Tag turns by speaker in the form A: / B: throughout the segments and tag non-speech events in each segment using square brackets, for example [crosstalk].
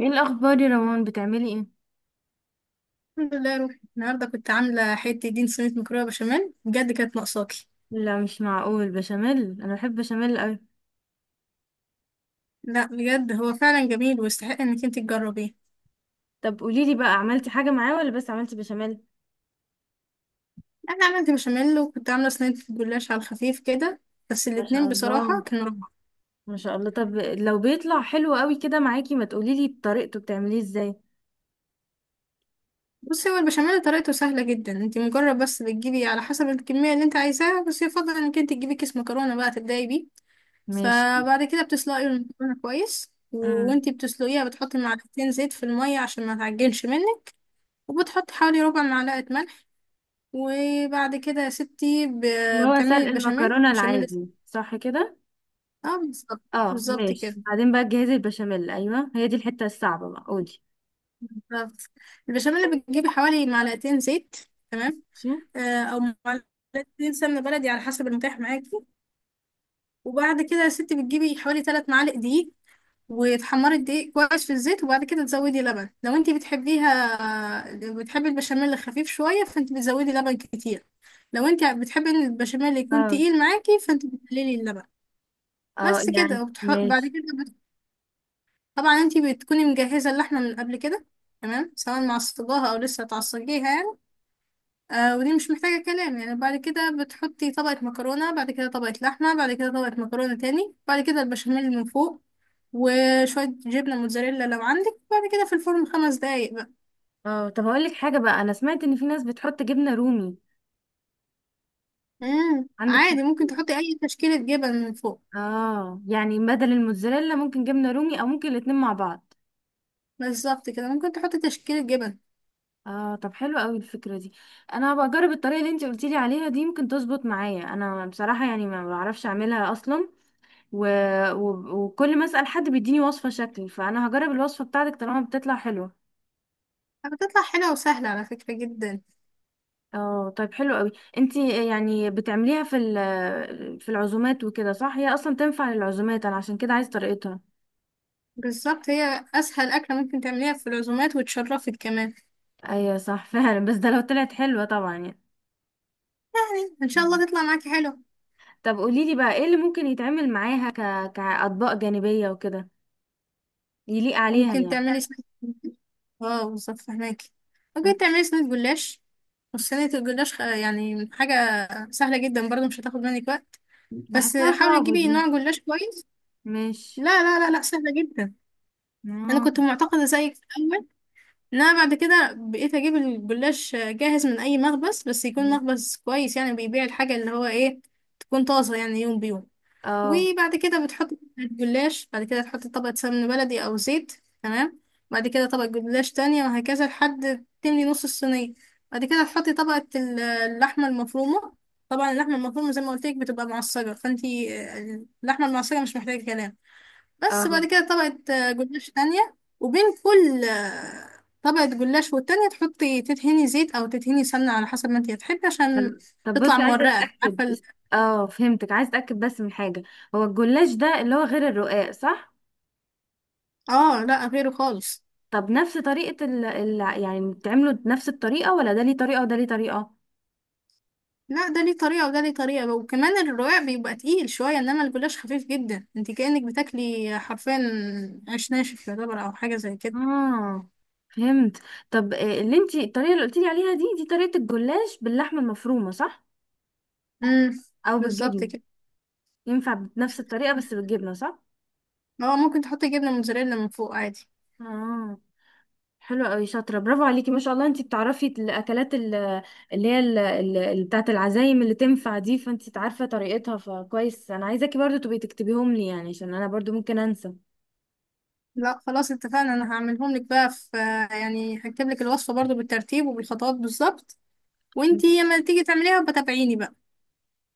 A: ايه الاخبار يا روان؟ بتعملي ايه؟
B: الحمد لله يا روحي، النهارده كنت عامله حته دين. صينيه مكرونه بشاميل، بجد كانت ناقصاكي.
A: لا مش معقول، بشاميل! انا بحب بشاميل قوي.
B: لا بجد، هو فعلا جميل ويستحق انك انت تجربيه.
A: طب قولي لي بقى، عملتي حاجه معاه ولا بس عملتي بشاميل؟
B: انا عملت بشاميل، وكنت عامله صينيه جلاش على الخفيف كده. بس
A: ما شاء
B: الاتنين بصراحه
A: الله،
B: كانوا روعه.
A: ما شاء الله. طب لو بيطلع حلو قوي كده معاكي، ما تقولي لي طريقته بتعمليه ازاي؟
B: بصي، هو البشاميل طريقته سهله جدا. انت مجرد بس بتجيبي على حسب الكميه اللي انت عايزاها، بس يفضل انك انت تجيبي كيس مكرونه بقى تبداي بيه.
A: ماشي.
B: فبعد كده بتسلقي المكرونه كويس،
A: امم.
B: وانتي بتسلقيها بتحطي معلقتين زيت في الميه عشان ما تعجنش منك. وبتحطي حوالي ربع معلقه ملح. وبعد كده يا ستي،
A: اللي هو
B: بتعملي
A: سلق
B: البشاميل
A: المكرونه
B: بشاميل
A: العادي، صح كده؟
B: اه بالظبط.
A: اه،
B: بالظبط
A: ماشي.
B: كده.
A: بعدين بقى تجهزي البشاميل. ايوه هي دي الحته الصعبه بقى، قولي.
B: بالظبط. البشاميل بتجيبي حوالي معلقتين زيت. تمام.
A: ماشي.
B: او معلقتين سمنه بلدي على حسب المتاح معاكي. وبعد كده يا ستي بتجيبي حوالي 3 معالق دقيق، وتحمري الدقيق كويس في الزيت، وبعد كده تزودي لبن. لو انتي بتحبيها بتحبي البشاميل خفيف شويه فانت بتزودي لبن كتير. لو انت بتحبي ان البشاميل يكون
A: اه،
B: تقيل معاكي فانت بتقللي اللبن.
A: اه،
B: بس كده.
A: يعني
B: بعد
A: ماشي.
B: كده طبعا انتي بتكوني مجهزة اللحمة من قبل كده. تمام، سواء معصجاها او لسه هتعصجيها يعني. آه، ودي مش محتاجة كلام. يعني بعد كده بتحطي طبقة مكرونة، بعد كده طبقة لحمة، بعد كده طبقة مكرونة تاني، بعد كده البشاميل من فوق، وشوية جبنة موتزاريلا لو عندك. بعد كده في الفرن 5 دقايق بقى.
A: اه، طب هقول لك حاجه بقى، انا سمعت ان في ناس بتحط جبنه رومي. عندك في.
B: عادي ممكن تحطي اي تشكيلة جبن من فوق.
A: اه، يعني بدل الموتزاريلا ممكن جبنة رومي او ممكن الاتنين مع بعض.
B: بالظبط كده، ممكن تحطي تشكيلة جبن.
A: اه، طب حلو قوي الفكرة دي. انا هبقى اجرب الطريقة اللي انت قلتيلي عليها دي، ممكن تظبط معايا. انا بصراحة يعني ما بعرفش اعملها اصلا. و... وكل ما اسأل حد بيديني وصفة شكل، فانا هجرب الوصفة بتاعتك طالما بتطلع حلوة.
B: بتطلع حلوة وسهلة على فكرة جدا.
A: اه، طيب حلو قوي. انت يعني بتعمليها في العزومات وكده، صح؟ هي اصلا تنفع للعزومات، انا عشان كده عايز طريقتها.
B: بالظبط، هي اسهل اكلة ممكن تعمليها في العزومات وتشرفك كمان.
A: ايوه صح. [laughs] فعلا، بس ده لو طلعت حلوة طبعا.
B: ان شاء
A: يعني
B: الله تطلع معاكي حلو.
A: طب قوليلي بقى، ايه اللي ممكن يتعمل معاها كأطباق جانبية وكده، يليق عليها
B: ممكن
A: يعني؟
B: تعملي سنة. اه بالظبط، فهماكي.
A: مم.
B: ممكن تعملي صينية جلاش. وصينية الجلاش يعني حاجة سهلة جدا برضو، مش هتاخد منك وقت. بس
A: بحسها
B: حاولي
A: صعبة
B: تجيبي
A: دي.
B: نوع جلاش كويس. لا
A: ماشي.
B: لا لا لا، سهلة جدا. انا
A: اه،
B: كنت معتقدة زيك في الاول. ان انا بعد كده بقيت اجيب الجلاش جاهز، من اي مخبز بس يكون مخبز كويس، يعني بيبيع الحاجة اللي هو ايه، تكون طازة يعني يوم بيوم.
A: اه،
B: وبعد كده بتحط طبقة جلاش، بعد كده تحط طبقة سمن بلدي أو زيت. تمام. بعد كده طبقة جلاش تانية، وهكذا لحد تملي نص الصينية. بعد كده تحطي طبقة اللحمة المفرومة. طبعا اللحمة المفرومة زي ما قلت لك بتبقى معصجة، فانتي اللحمة المعصجة مش محتاجة كلام.
A: اه.
B: بس بعد كده طبقة جلاش تانية. وبين كل طبقة جلاش والتانية تحطي تدهني زيت أو تدهني سمنة على حسب ما انتي هتحبي، عشان
A: طب طب
B: تطلع
A: بصي، عايزة
B: مورقة.
A: اتأكد.
B: عارفة
A: اه فهمتك، عايزة اتأكد بس من حاجة. هو الجلاش ده اللي هو غير الرقاق صح؟
B: اه، لا، غيره خالص.
A: طب نفس طريقة يعني بتعمله بنفس الطريقة، ولا ده ليه طريقة وده ليه طريقة؟
B: لا، ده ليه طريقة وده ليه طريقة، وكمان الرقاق بيبقى تقيل شوية، انما الجلاش خفيف جدا. انت كأنك بتاكلي حرفيا عيش ناشف يعتبر، او حاجة زي كده.
A: اه فهمت. طب اللي انتي الطريقة اللي قلتيلي عليها دي، دي طريقة الجلاش باللحمة المفرومة صح؟
B: امم
A: او
B: بالظبط
A: بالجبنه؟
B: كده.
A: ينفع بنفس الطريقه بس بالجبنه، صح؟
B: اه، ممكن تحطي جبنة موتزاريلا من فوق عادي.
A: اه، حلو قوي، شاطره، برافو عليكي، ما شاء الله. انتي بتعرفي الاكلات اللي هي بتاعه العزايم اللي تنفع دي، فانتي عارفه طريقتها، فكويس. انا عايزاكي برضو تبقي تكتبيهم لي يعني، عشان انا برضو ممكن انسى.
B: لا خلاص اتفقنا، انا هعملهم لك بقى في، يعني هكتب لك الوصفة برضو بالترتيب وبالخطوات بالظبط. وانتي لما تيجي تعمليها بتابعيني بقى.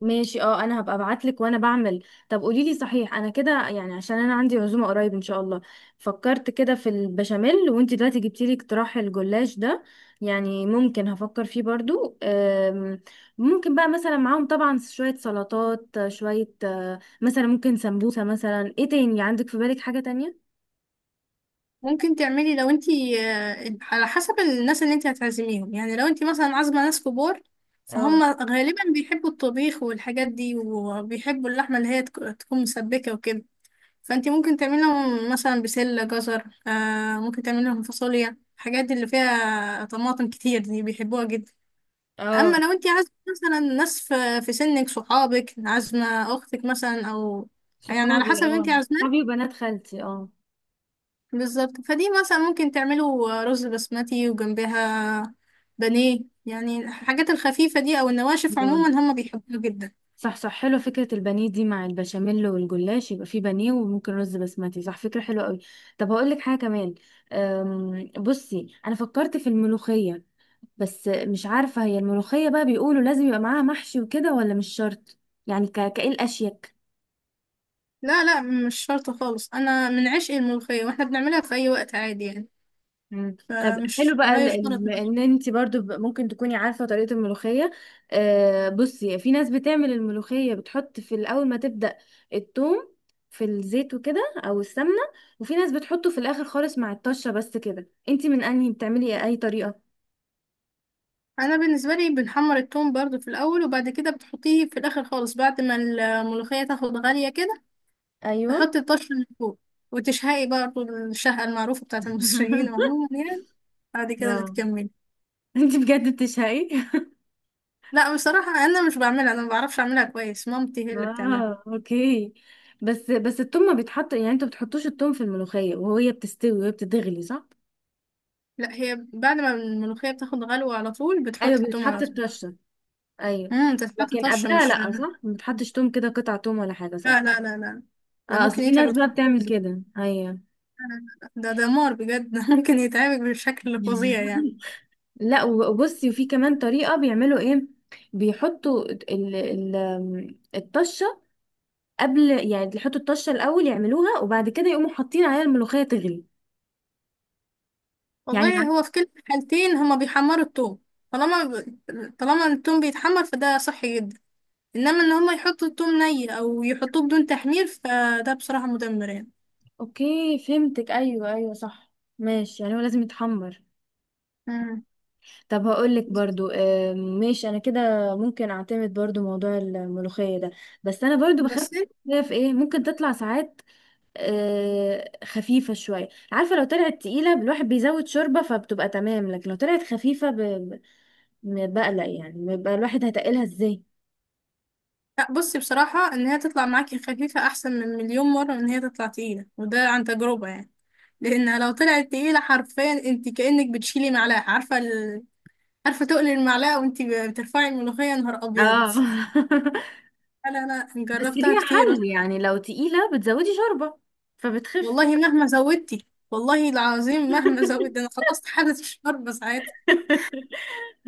A: ماشي، اه، انا هبقى ابعت لك وانا بعمل. طب قولي لي صحيح، انا كده يعني عشان انا عندي عزومه قريب ان شاء الله. فكرت كده في البشاميل، وانت دلوقتي جبتي لي اقتراح الجلاش ده. يعني ممكن هفكر فيه برضو. ممكن بقى مثلا معاهم طبعا شويه سلطات، شويه مثلا ممكن سمبوسه، مثلا ايه تاني عندك في بالك حاجه تانية؟
B: ممكن تعملي لو انتي على حسب الناس اللي انتي هتعزميهم. يعني لو انتي مثلا عازمة ناس كبار،
A: اه،
B: فهم غالبا بيحبوا الطبيخ والحاجات دي، وبيحبوا اللحمة اللي هي تكون مسبكة وكده. فانتي ممكن تعملي لهم مثلا بسلة جزر، ممكن تعملي لهم فاصوليا. الحاجات دي اللي فيها طماطم كتير دي بيحبوها جدا.
A: اه،
B: اما لو انتي عازمة مثلا ناس في سنك، صحابك، عازمة اختك مثلا، او يعني على
A: صحابي،
B: حسب
A: اه،
B: انتي عازمة.
A: صحابي، وبنات خالتي، اه.
B: بالظبط، فدي مثلا ممكن تعملوا رز بسمتي وجنبها بانيه، يعني الحاجات الخفيفة دي أو النواشف عموما هم بيحبوها جدا.
A: صح، صح، حلوة فكرة البانيه دي مع البشاميل والجلاش، يبقى فيه بانيه وممكن رز بسمتي، صح، فكرة حلوة قوي. طب هقول لك حاجة كمان. بصي، أنا فكرت في الملوخية. بس مش عارفة، هي الملوخية بقى بيقولوا لازم يبقى معاها محشي وكده ولا مش شرط؟ يعني كإيه الأشيك؟
B: لا لا، مش شرط خالص. أنا من عشق الملوخية، واحنا بنعملها في أي وقت عادي يعني.
A: مم. طب حلو
B: فمش
A: بقى،
B: لا يشترط.
A: ان انت برضو ممكن تكوني عارفه طريقه الملوخيه. بصي، في ناس بتعمل الملوخيه بتحط في الاول ما تبدا الثوم في الزيت وكده او السمنه، وفي ناس بتحطه في الاخر خالص مع الطشه. بس كده انت من انهي بتعملي إيه؟ اي طريقه؟
B: أنا بالنسبة لي بنحمر التوم برضو في الأول، وبعد كده بتحطيه في الآخر خالص، بعد ما الملوخية تاخد غالية كده
A: ايوه.
B: تحطي الطشة من فوق، وتشهقي برضو الشهقة المعروفة بتاعت المصريين
A: [laughs]
B: عموما يعني. بعد كده
A: اه،
B: بتكملي.
A: انت بجد بتشهقي؟
B: لا، بصراحة أنا مش بعملها. أنا ما بعرفش أعملها كويس، مامتي هي اللي بتعملها.
A: اه، اوكي. بس بس الثوم ما بيتحط يعني، انتوا ما بتحطوش الثوم في الملوخيه وهي بتستوي وهي بتتغلي، صح؟
B: لا، هي بعد ما الملوخية بتاخد غلوة على طول
A: ايوه،
B: بتحط التوم
A: بيتحط
B: على طول.
A: الطشه، ايوه.
B: تتحط
A: لكن
B: طشة،
A: قبلها
B: مش
A: لا، صح؟
B: لا.
A: ما بتحطش توم كده، قطع توم ولا حاجه، صح؟
B: لا لا لا، ده
A: اه، اصل
B: ممكن
A: في
B: يتعب
A: ناس بقى
B: الخرطوم،
A: بتعمل
B: لا.
A: كده، ايوه.
B: لا لا. ده دمار بجد [laughs] ده ممكن يتعبك بشكل فظيع يعني.
A: [laughs] لا، وبصي، وفي كمان طريقه بيعملوا ايه؟ بيحطوا ال ال الطشه قبل، يعني يحطوا الطشه الاول يعملوها وبعد كده يقوموا حاطين عليها الملوخيه تغلي. يعني
B: والله، هو في كل الحالتين هما بيحمروا التوم. طالما ب... طالما التوم بيتحمر فده صحي جدا. انما ان هما يحطوا التوم ني او يحطوه بدون تحمير فده بصراحة مدمر يعني.
A: اوكي فهمتك، ايوه، ايوه، صح. ماشي، يعني هو لازم يتحمر.
B: مم.
A: طب هقولك برضو ماشي انا كده. ممكن اعتمد برضو موضوع الملوخية ده. بس انا برضو بخاف
B: بس.
A: من الملوخية في ايه ممكن تطلع ساعات. خفيفة شوية، عارفة؟ لو طلعت تقيلة الواحد بيزود شوربة فبتبقى تمام، لكن لو طلعت خفيفة بقلق يعني، بيبقى الواحد هتقلها ازاي.
B: لا بصي، بصراحة ان هي تطلع معاكي خفيفة احسن من مليون مرة من ان هي تطلع تقيلة، وده عن تجربة يعني. لانها لو طلعت تقيلة حرفيا انت كأنك بتشيلي معلقة. عارفة تقلي المعلقة وانت بترفعي الملوخية، نهار ابيض.
A: اه. [laughs]
B: لا لا لا،
A: بس
B: جربتها
A: ليها
B: كتير.
A: حل يعني، لو تقيلة بتزودي شوربة فبتخف.
B: والله مهما زودتي، والله العظيم مهما
A: [laughs]
B: زودت، انا خلصت حالة الشرب ساعتها.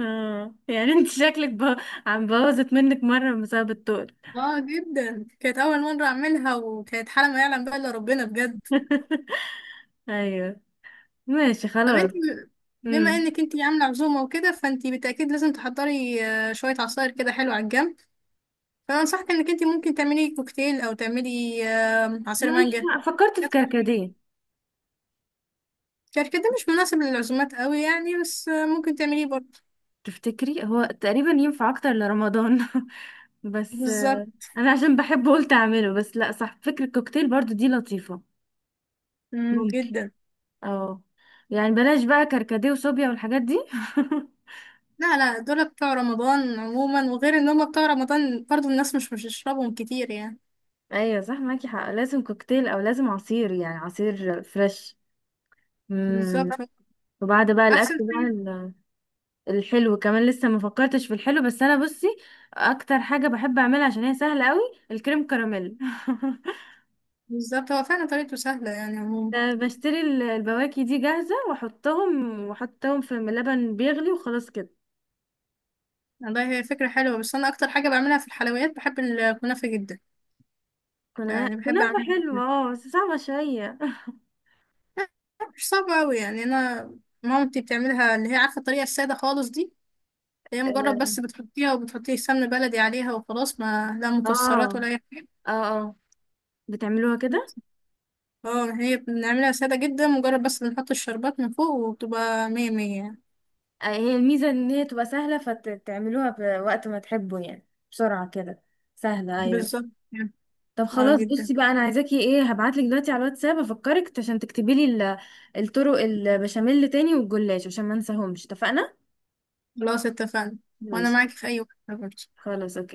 A: اه، يعني انت شكلك عم بوظت منك مرة بسبب التقل.
B: اه جدا، كانت اول مرة اعملها وكانت حالة ما يعلم بقى الا ربنا بجد.
A: [laughs] ايوه، ماشي،
B: طب انت
A: خلاص.
B: بما
A: امم.
B: انك انت عامله عزومه وكده، فانت بالتاكيد لازم تحضري شويه عصاير كده حلوه على الجنب. فانا انصحك انك انت ممكن تعملي كوكتيل او تعملي عصير
A: ماشي،
B: مانجا.
A: فكرت في كركديه.
B: شارك ده مش مناسب للعزومات قوي يعني، بس ممكن تعمليه برضه.
A: تفتكري هو تقريبا ينفع اكتر لرمضان؟ [laughs] بس
B: بالظبط.
A: انا عشان بحبه قلت اعمله، بس لا، صح، فكرة الكوكتيل برضو دي لطيفة.
B: مم،
A: ممكن.
B: جدا.
A: اه، يعني بلاش بقى كركديه وصوبيا والحاجات دي.
B: لا لا، دول بتوع رمضان عموما، وغير ان هم بتوع رمضان برضه الناس مش بتشربهم كتير يعني.
A: [laughs] ايوه صح، معاكي حق، لازم كوكتيل او لازم عصير، يعني عصير فريش. امم.
B: بالظبط هو
A: وبعد بقى
B: احسن
A: الاكل
B: حاجه.
A: بقى، الحلو كمان لسه ما فكرتش في الحلو، بس انا بصي، اكتر حاجه بحب اعملها عشان هي سهله قوي الكريم كراميل. [laughs]
B: بالظبط، هو فعلا طريقته سهله يعني عموما.
A: أنا بشتري البواكي دي جاهزه واحطهم واحطهم في لبن بيغلي، وخلاص كده.
B: والله، هي فكرة حلوة، بس أنا أكتر حاجة بعملها في الحلويات بحب الكنافة جدا.
A: كنا
B: يعني بحب
A: كنافه
B: أعملها
A: حلوه،
B: جداً.
A: اه بس صعبه شويه.
B: مش صعبة أوي يعني. أنا مامتي بتعملها، اللي هي عارفة الطريقة السادة خالص دي. اللي هي مجرد بس
A: [laughs]
B: بتحطيها وبتحطي سمن بلدي عليها وخلاص، ما لا
A: اه،
B: مكسرات ولا أي حاجة.
A: اه، اه، بتعملوها كده.
B: اه، هي بنعملها سادة جدا، مجرد بس بنحط الشربات من فوق وبتبقى مية مية يعني.
A: هي الميزه ان هي تبقى سهله، فتعملوها بوقت ما تحبوا يعني، بسرعه كده، سهله، ايوه.
B: بالظبط يعني.
A: طب
B: اه
A: خلاص
B: جدا.
A: بصي بقى، انا عايزاكي ايه، هبعتلك دلوقتي على الواتساب افكرك عشان تكتبي لي الطرق، البشاميل تاني والجلاش، عشان ما انساهمش، اتفقنا؟
B: خلاص اتفقنا. وأنا
A: ماشي،
B: معاكي في أي وقت برضه.
A: خلاص، اوكي.